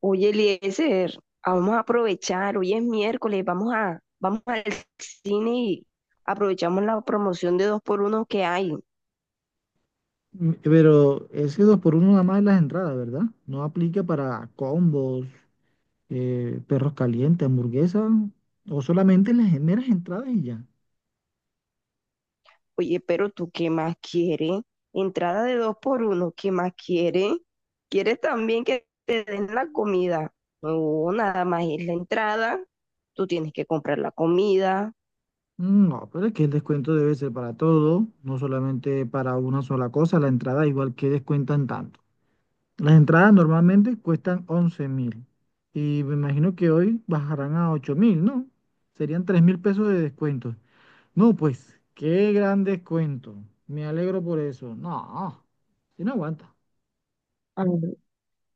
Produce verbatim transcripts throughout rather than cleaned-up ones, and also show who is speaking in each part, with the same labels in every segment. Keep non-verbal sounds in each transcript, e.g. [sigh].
Speaker 1: Oye, Eliezer, vamos a aprovechar, hoy es miércoles, vamos a, vamos al cine y aprovechamos la promoción de dos por uno que hay.
Speaker 2: Mm, Pero ese dos por uno nada más en las entradas, ¿verdad? No aplica para combos, eh, perros calientes, hamburguesas, o solamente las meras entradas y ya.
Speaker 1: Oye, ¿pero tú qué más quieres? Entrada de dos por uno, ¿qué más quieres? ¿Quieres también que te den la comida? No, nada más es la entrada, tú tienes que comprar la comida.
Speaker 2: Mm, No, pero es que el descuento debe ser para todo, no solamente para una sola cosa. La entrada igual que descuentan tanto. Las entradas normalmente cuestan once mil y me imagino que hoy bajarán a ocho mil, ¿no? Serían tres mil pesos de descuento. No, pues, qué gran descuento. Me alegro por eso. No, si no aguanta.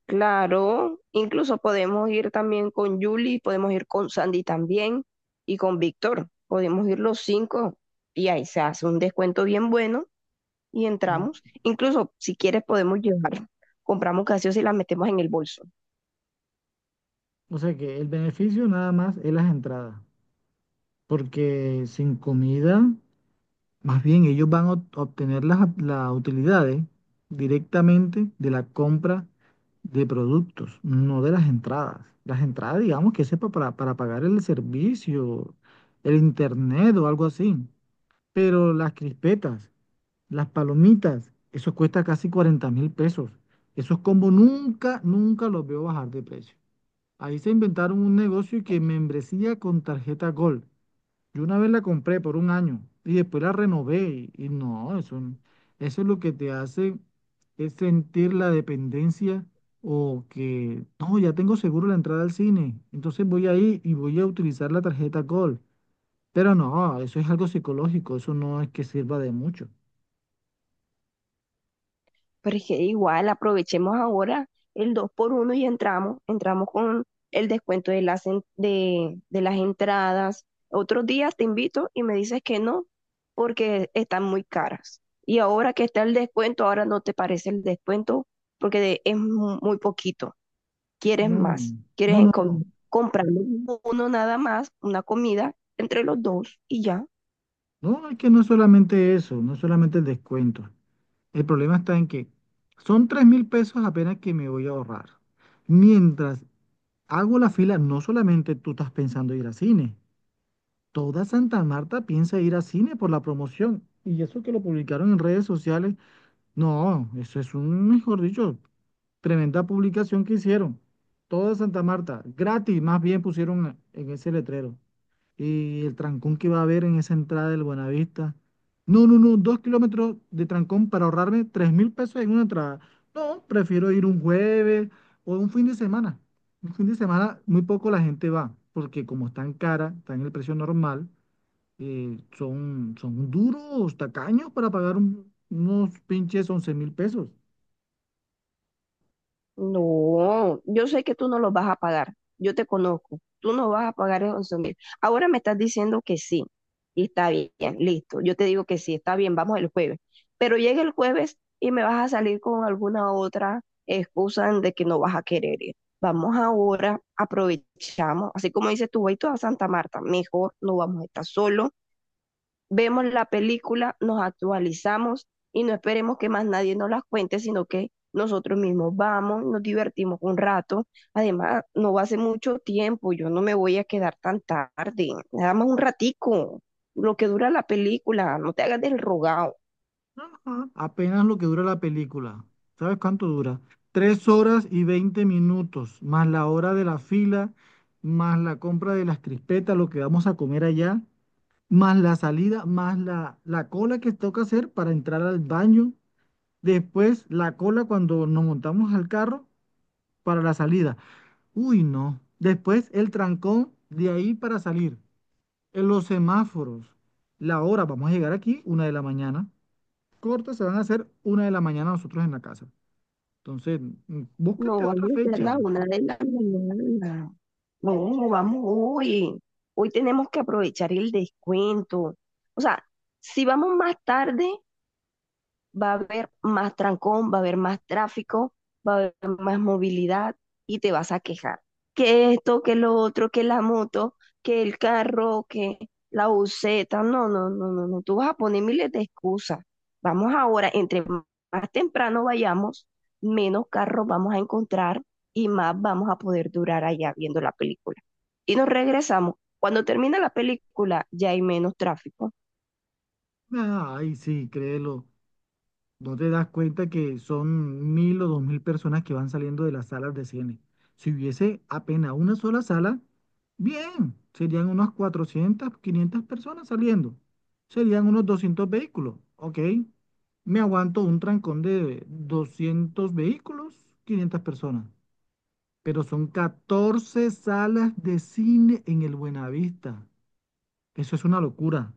Speaker 1: Claro, incluso podemos ir también con Julie, podemos ir con Sandy también y con Víctor. Podemos ir los cinco y ahí se hace un descuento bien bueno y
Speaker 2: Mm,
Speaker 1: entramos. Incluso si quieres podemos llevar, compramos gaseosa y la metemos en el bolso.
Speaker 2: O sea que el beneficio nada más es las entradas, porque sin comida, más bien ellos van a ob- obtener las, las utilidades directamente de la compra de productos, no de las entradas. Las entradas, digamos que sepa para, para pagar el servicio, el internet o algo así. Pero las crispetas. Las palomitas, eso cuesta casi cuarenta mil pesos. Esos combos nunca, nunca los veo bajar de precio. Ahí se inventaron un negocio que membresía con tarjeta Gold. Yo una vez la compré por un año y después la renové y, y no, eso, n- eso es lo que te hace es sentir la dependencia o que, no, ya tengo seguro la entrada al cine, entonces voy ahí y voy a utilizar la tarjeta Gold. Pero no, eso es algo psicológico, eso no es que sirva de mucho.
Speaker 1: Pero es que igual aprovechemos ahora el dos por uno y entramos, entramos con el descuento de las, en- de, de las entradas. Otros días te invito y me dices que no, porque están muy caras. Y ahora que está el descuento, ahora no te parece el descuento porque de- es mu- muy poquito. Quieres
Speaker 2: No, no,
Speaker 1: más, quieres
Speaker 2: no, no,
Speaker 1: enco-
Speaker 2: no.
Speaker 1: Mm. comprar uno nada más, una comida entre los dos y ya.
Speaker 2: No, es que no es solamente eso, no es solamente el descuento. El problema está en que son tres mil pesos apenas que me voy a ahorrar. Mientras hago la fila, no solamente tú estás pensando ir a cine, toda Santa Marta piensa ir a cine por la promoción. Y eso que lo publicaron en redes sociales, no, eso es un, mejor dicho, tremenda publicación que hicieron. Toda Santa Marta, gratis, más bien pusieron en ese letrero. Y el trancón que va a haber en esa entrada del Buenavista. No, no, no, dos kilómetros de trancón para ahorrarme tres mil pesos en una entrada. No, prefiero ir un jueves o un fin de semana. Un fin de semana muy poco la gente va, porque como están caras, están en el precio normal, eh, son, son duros, tacaños para pagar un- unos pinches once mil pesos.
Speaker 1: No, yo sé que tú no los vas a pagar. Yo te conozco. Tú no vas a pagar esos 11 mil. Ahora me estás diciendo que sí. Y está bien, listo. Yo te digo que sí, está bien, vamos el jueves. Pero llega el jueves y me vas a salir con alguna otra excusa de que no vas a querer ir. Vamos ahora, aprovechamos. Así como dices tú, voy toda Santa Marta. Mejor no vamos a estar solos, vemos la película, nos actualizamos y no esperemos que más nadie nos las cuente, sino que nosotros mismos vamos, nos divertimos un rato. Además, no va a ser mucho tiempo, yo no me voy a quedar tan tarde, nada más un ratico, lo que dura la película, no te hagas del rogado.
Speaker 2: Ajá, apenas lo que dura la película. ¿Sabes cuánto dura? Tres horas y veinte minutos, más la hora de la fila, más la compra de las crispetas, lo que vamos a comer allá, más la salida, más la, la cola que toca hacer para entrar al baño. Después la cola cuando nos montamos al carro para la salida. Uy, no. Después el trancón de ahí para salir. En los semáforos. La hora, vamos a llegar aquí, una de la mañana cortas se van a hacer una de la mañana nosotros en la casa. Entonces, mm, búscate
Speaker 1: No, vamos
Speaker 2: otra
Speaker 1: a ser
Speaker 2: fecha.
Speaker 1: la una de la mañana. No, vamos hoy. Hoy tenemos que aprovechar el descuento. O sea, si vamos más tarde, va a haber más trancón, va a haber más tráfico, va a haber más movilidad y te vas a quejar. Que esto, que lo otro, que la moto, que el carro, que la buseta. No, no, no, no, no. Tú vas a poner miles de excusas. Vamos ahora, entre más temprano vayamos, menos carros vamos a encontrar y más vamos a poder durar allá viendo la película. Y nos regresamos. Cuando termina la película ya hay menos tráfico.
Speaker 2: Ay, sí, créelo. No te das cuenta que son mil o dos mil personas que van saliendo de las salas de cine. Si hubiese apenas una sola sala, bien, serían unas cuatrocientas, quinientas personas saliendo. Serían unos doscientos vehículos, ¿ok? Me aguanto un trancón de doscientos vehículos, quinientas personas. Pero son catorce salas de cine en el Buenavista. Eso es una locura.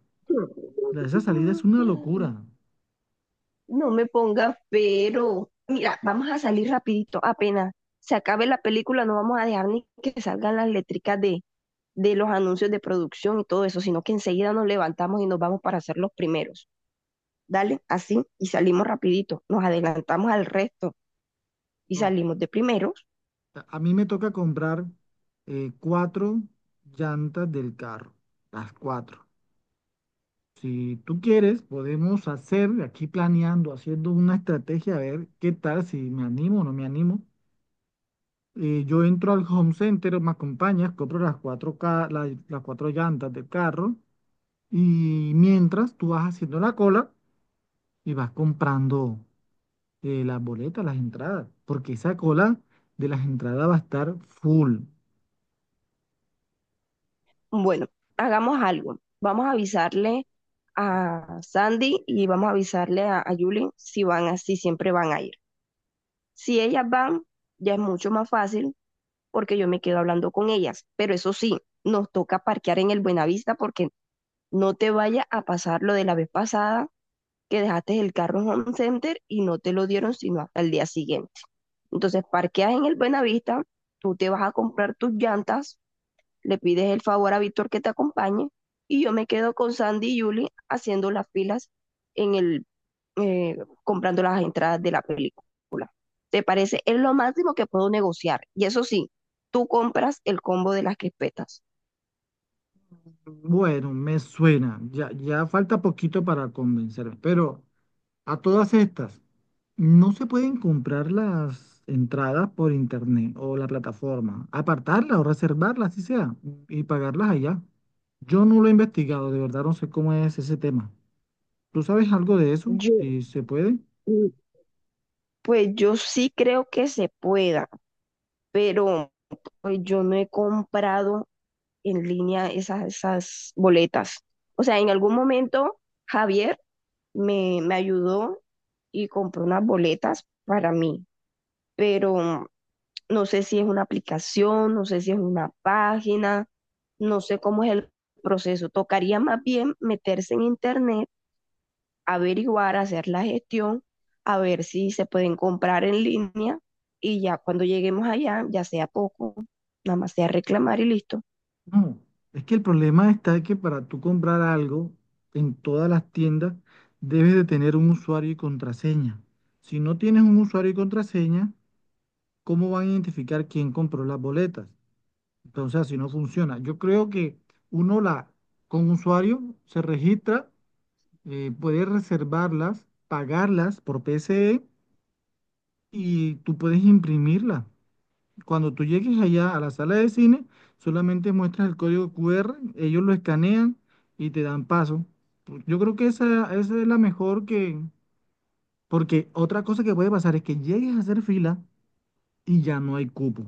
Speaker 2: La- Esa salida es una
Speaker 1: [laughs]
Speaker 2: locura.
Speaker 1: No me pongas pero. Mira, vamos a salir rapidito, apenas se acabe la película, no vamos a dejar ni que salgan las letricas de, de los anuncios de producción y todo eso, sino que enseguida nos levantamos y nos vamos para ser los primeros. Dale, así, y salimos rapidito, nos adelantamos al resto y
Speaker 2: No,
Speaker 1: salimos de primeros.
Speaker 2: a a mí me toca comprar eh, cuatro llantas del carro, las cuatro. Si tú quieres, podemos hacer aquí planeando, haciendo una estrategia, a ver qué tal, si me animo o no me animo. Eh, yo entro al Home Center, me acompañas, compro las cuatro, ca- la- las cuatro llantas del carro y mientras tú vas haciendo la cola y vas comprando eh, las boletas, las entradas, porque esa cola de las entradas va a estar full.
Speaker 1: Bueno, hagamos algo. Vamos a avisarle a Sandy y vamos a avisarle a, a Julie, si van así, siempre van a ir. Si ellas van, ya es mucho más fácil porque yo me quedo hablando con ellas. Pero eso sí, nos toca parquear en el Buenavista porque no te vaya a pasar lo de la vez pasada que dejaste el carro en Home Center y no te lo dieron sino hasta el día siguiente. Entonces parqueas en el Buenavista, tú te vas a comprar tus llantas, le pides el favor a Víctor que te acompañe y yo me quedo con Sandy y Julie haciendo las filas en el eh, comprando las entradas de la película. ¿Te parece? Es lo máximo que puedo negociar. Y eso sí, tú compras el combo de las crispetas.
Speaker 2: Bueno, me suena, ya, ya falta poquito para convencerme, pero a todas estas, no se pueden comprar las entradas por internet o la plataforma, apartarlas o reservarlas, así sea, y pagarlas allá. Yo no lo he investigado, de verdad no sé cómo es ese tema. ¿Tú sabes algo de eso?
Speaker 1: Yo,
Speaker 2: Si se puede.
Speaker 1: mm, pues yo sí creo que se pueda, pero pues yo no he comprado en línea esas, esas boletas. O sea, en algún momento Javier me, me ayudó y compró unas boletas para mí, pero no sé si es una aplicación, no sé si es una página, no sé cómo es el proceso. Tocaría más bien meterse en internet, averiguar, hacer la gestión, a ver si se pueden comprar en línea y ya cuando lleguemos allá, ya sea poco, nada más sea reclamar y listo.
Speaker 2: No, es que el problema está que para tú comprar algo en todas las tiendas debes de tener un usuario y contraseña. Si no tienes un usuario y contraseña, ¿cómo van a identificar quién compró las boletas? Entonces así no funciona. Yo creo que uno la con usuario se registra, eh, puede reservarlas, pagarlas por P S E y tú puedes imprimirlas. Cuando tú llegues allá a la sala de cine, solamente muestras el código Q R, ellos lo escanean y te dan paso. Pu- Yo creo que esa, esa es la mejor que... Porque otra cosa que puede pasar es que llegues a hacer fila y ya no hay cupo.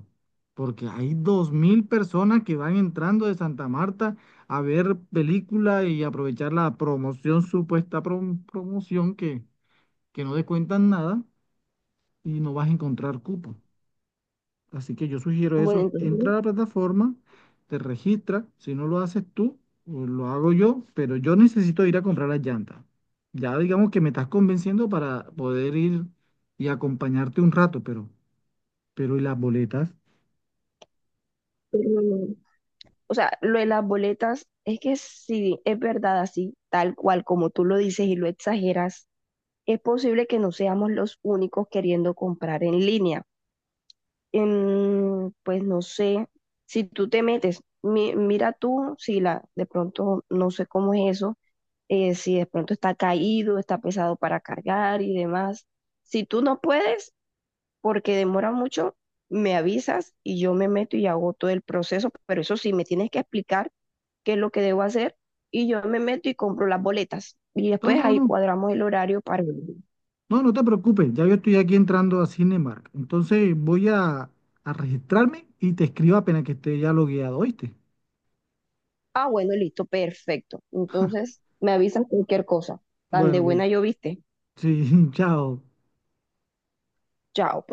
Speaker 2: Porque hay dos mil personas que van entrando de Santa Marta a ver película y aprovechar la promoción, supuesta prom- promoción que, que no descuentan nada y no vas a encontrar cupo. Así que yo sugiero
Speaker 1: Bueno,
Speaker 2: eso. Entra
Speaker 1: entonces,
Speaker 2: a la plataforma, te registra. Si no lo haces tú, o lo hago yo, pero yo necesito ir a comprar las llantas. Ya digamos que me estás convenciendo para poder ir y acompañarte un rato, pero, pero ¿y las boletas?
Speaker 1: mm, o sea, lo de las boletas es que si es verdad así, tal cual como tú lo dices y lo exageras, es posible que no seamos los únicos queriendo comprar en línea. Em, pues no sé, si tú te metes, mi- mira tú, si la, de pronto no sé cómo es eso, eh, si de pronto está caído, está pesado para cargar y demás. Si tú no puedes, porque demora mucho, me avisas y yo me meto y hago todo el proceso, pero eso sí, me tienes que explicar qué es lo que debo hacer y yo me meto y compro las boletas y
Speaker 2: No,
Speaker 1: después
Speaker 2: no,
Speaker 1: ahí
Speaker 2: no.
Speaker 1: cuadramos el horario para ir.
Speaker 2: No, no te preocupes. Ya yo estoy aquí entrando a Cinemark. Entonces voy a, a registrarme y te escribo apenas que esté ya logueado, ¿oíste?
Speaker 1: Ah, bueno, listo, perfecto. Entonces, me avisan cualquier cosa. Tan de
Speaker 2: Bueno, pues
Speaker 1: buena yo viste.
Speaker 2: sí, [laughs] chao.
Speaker 1: Chao.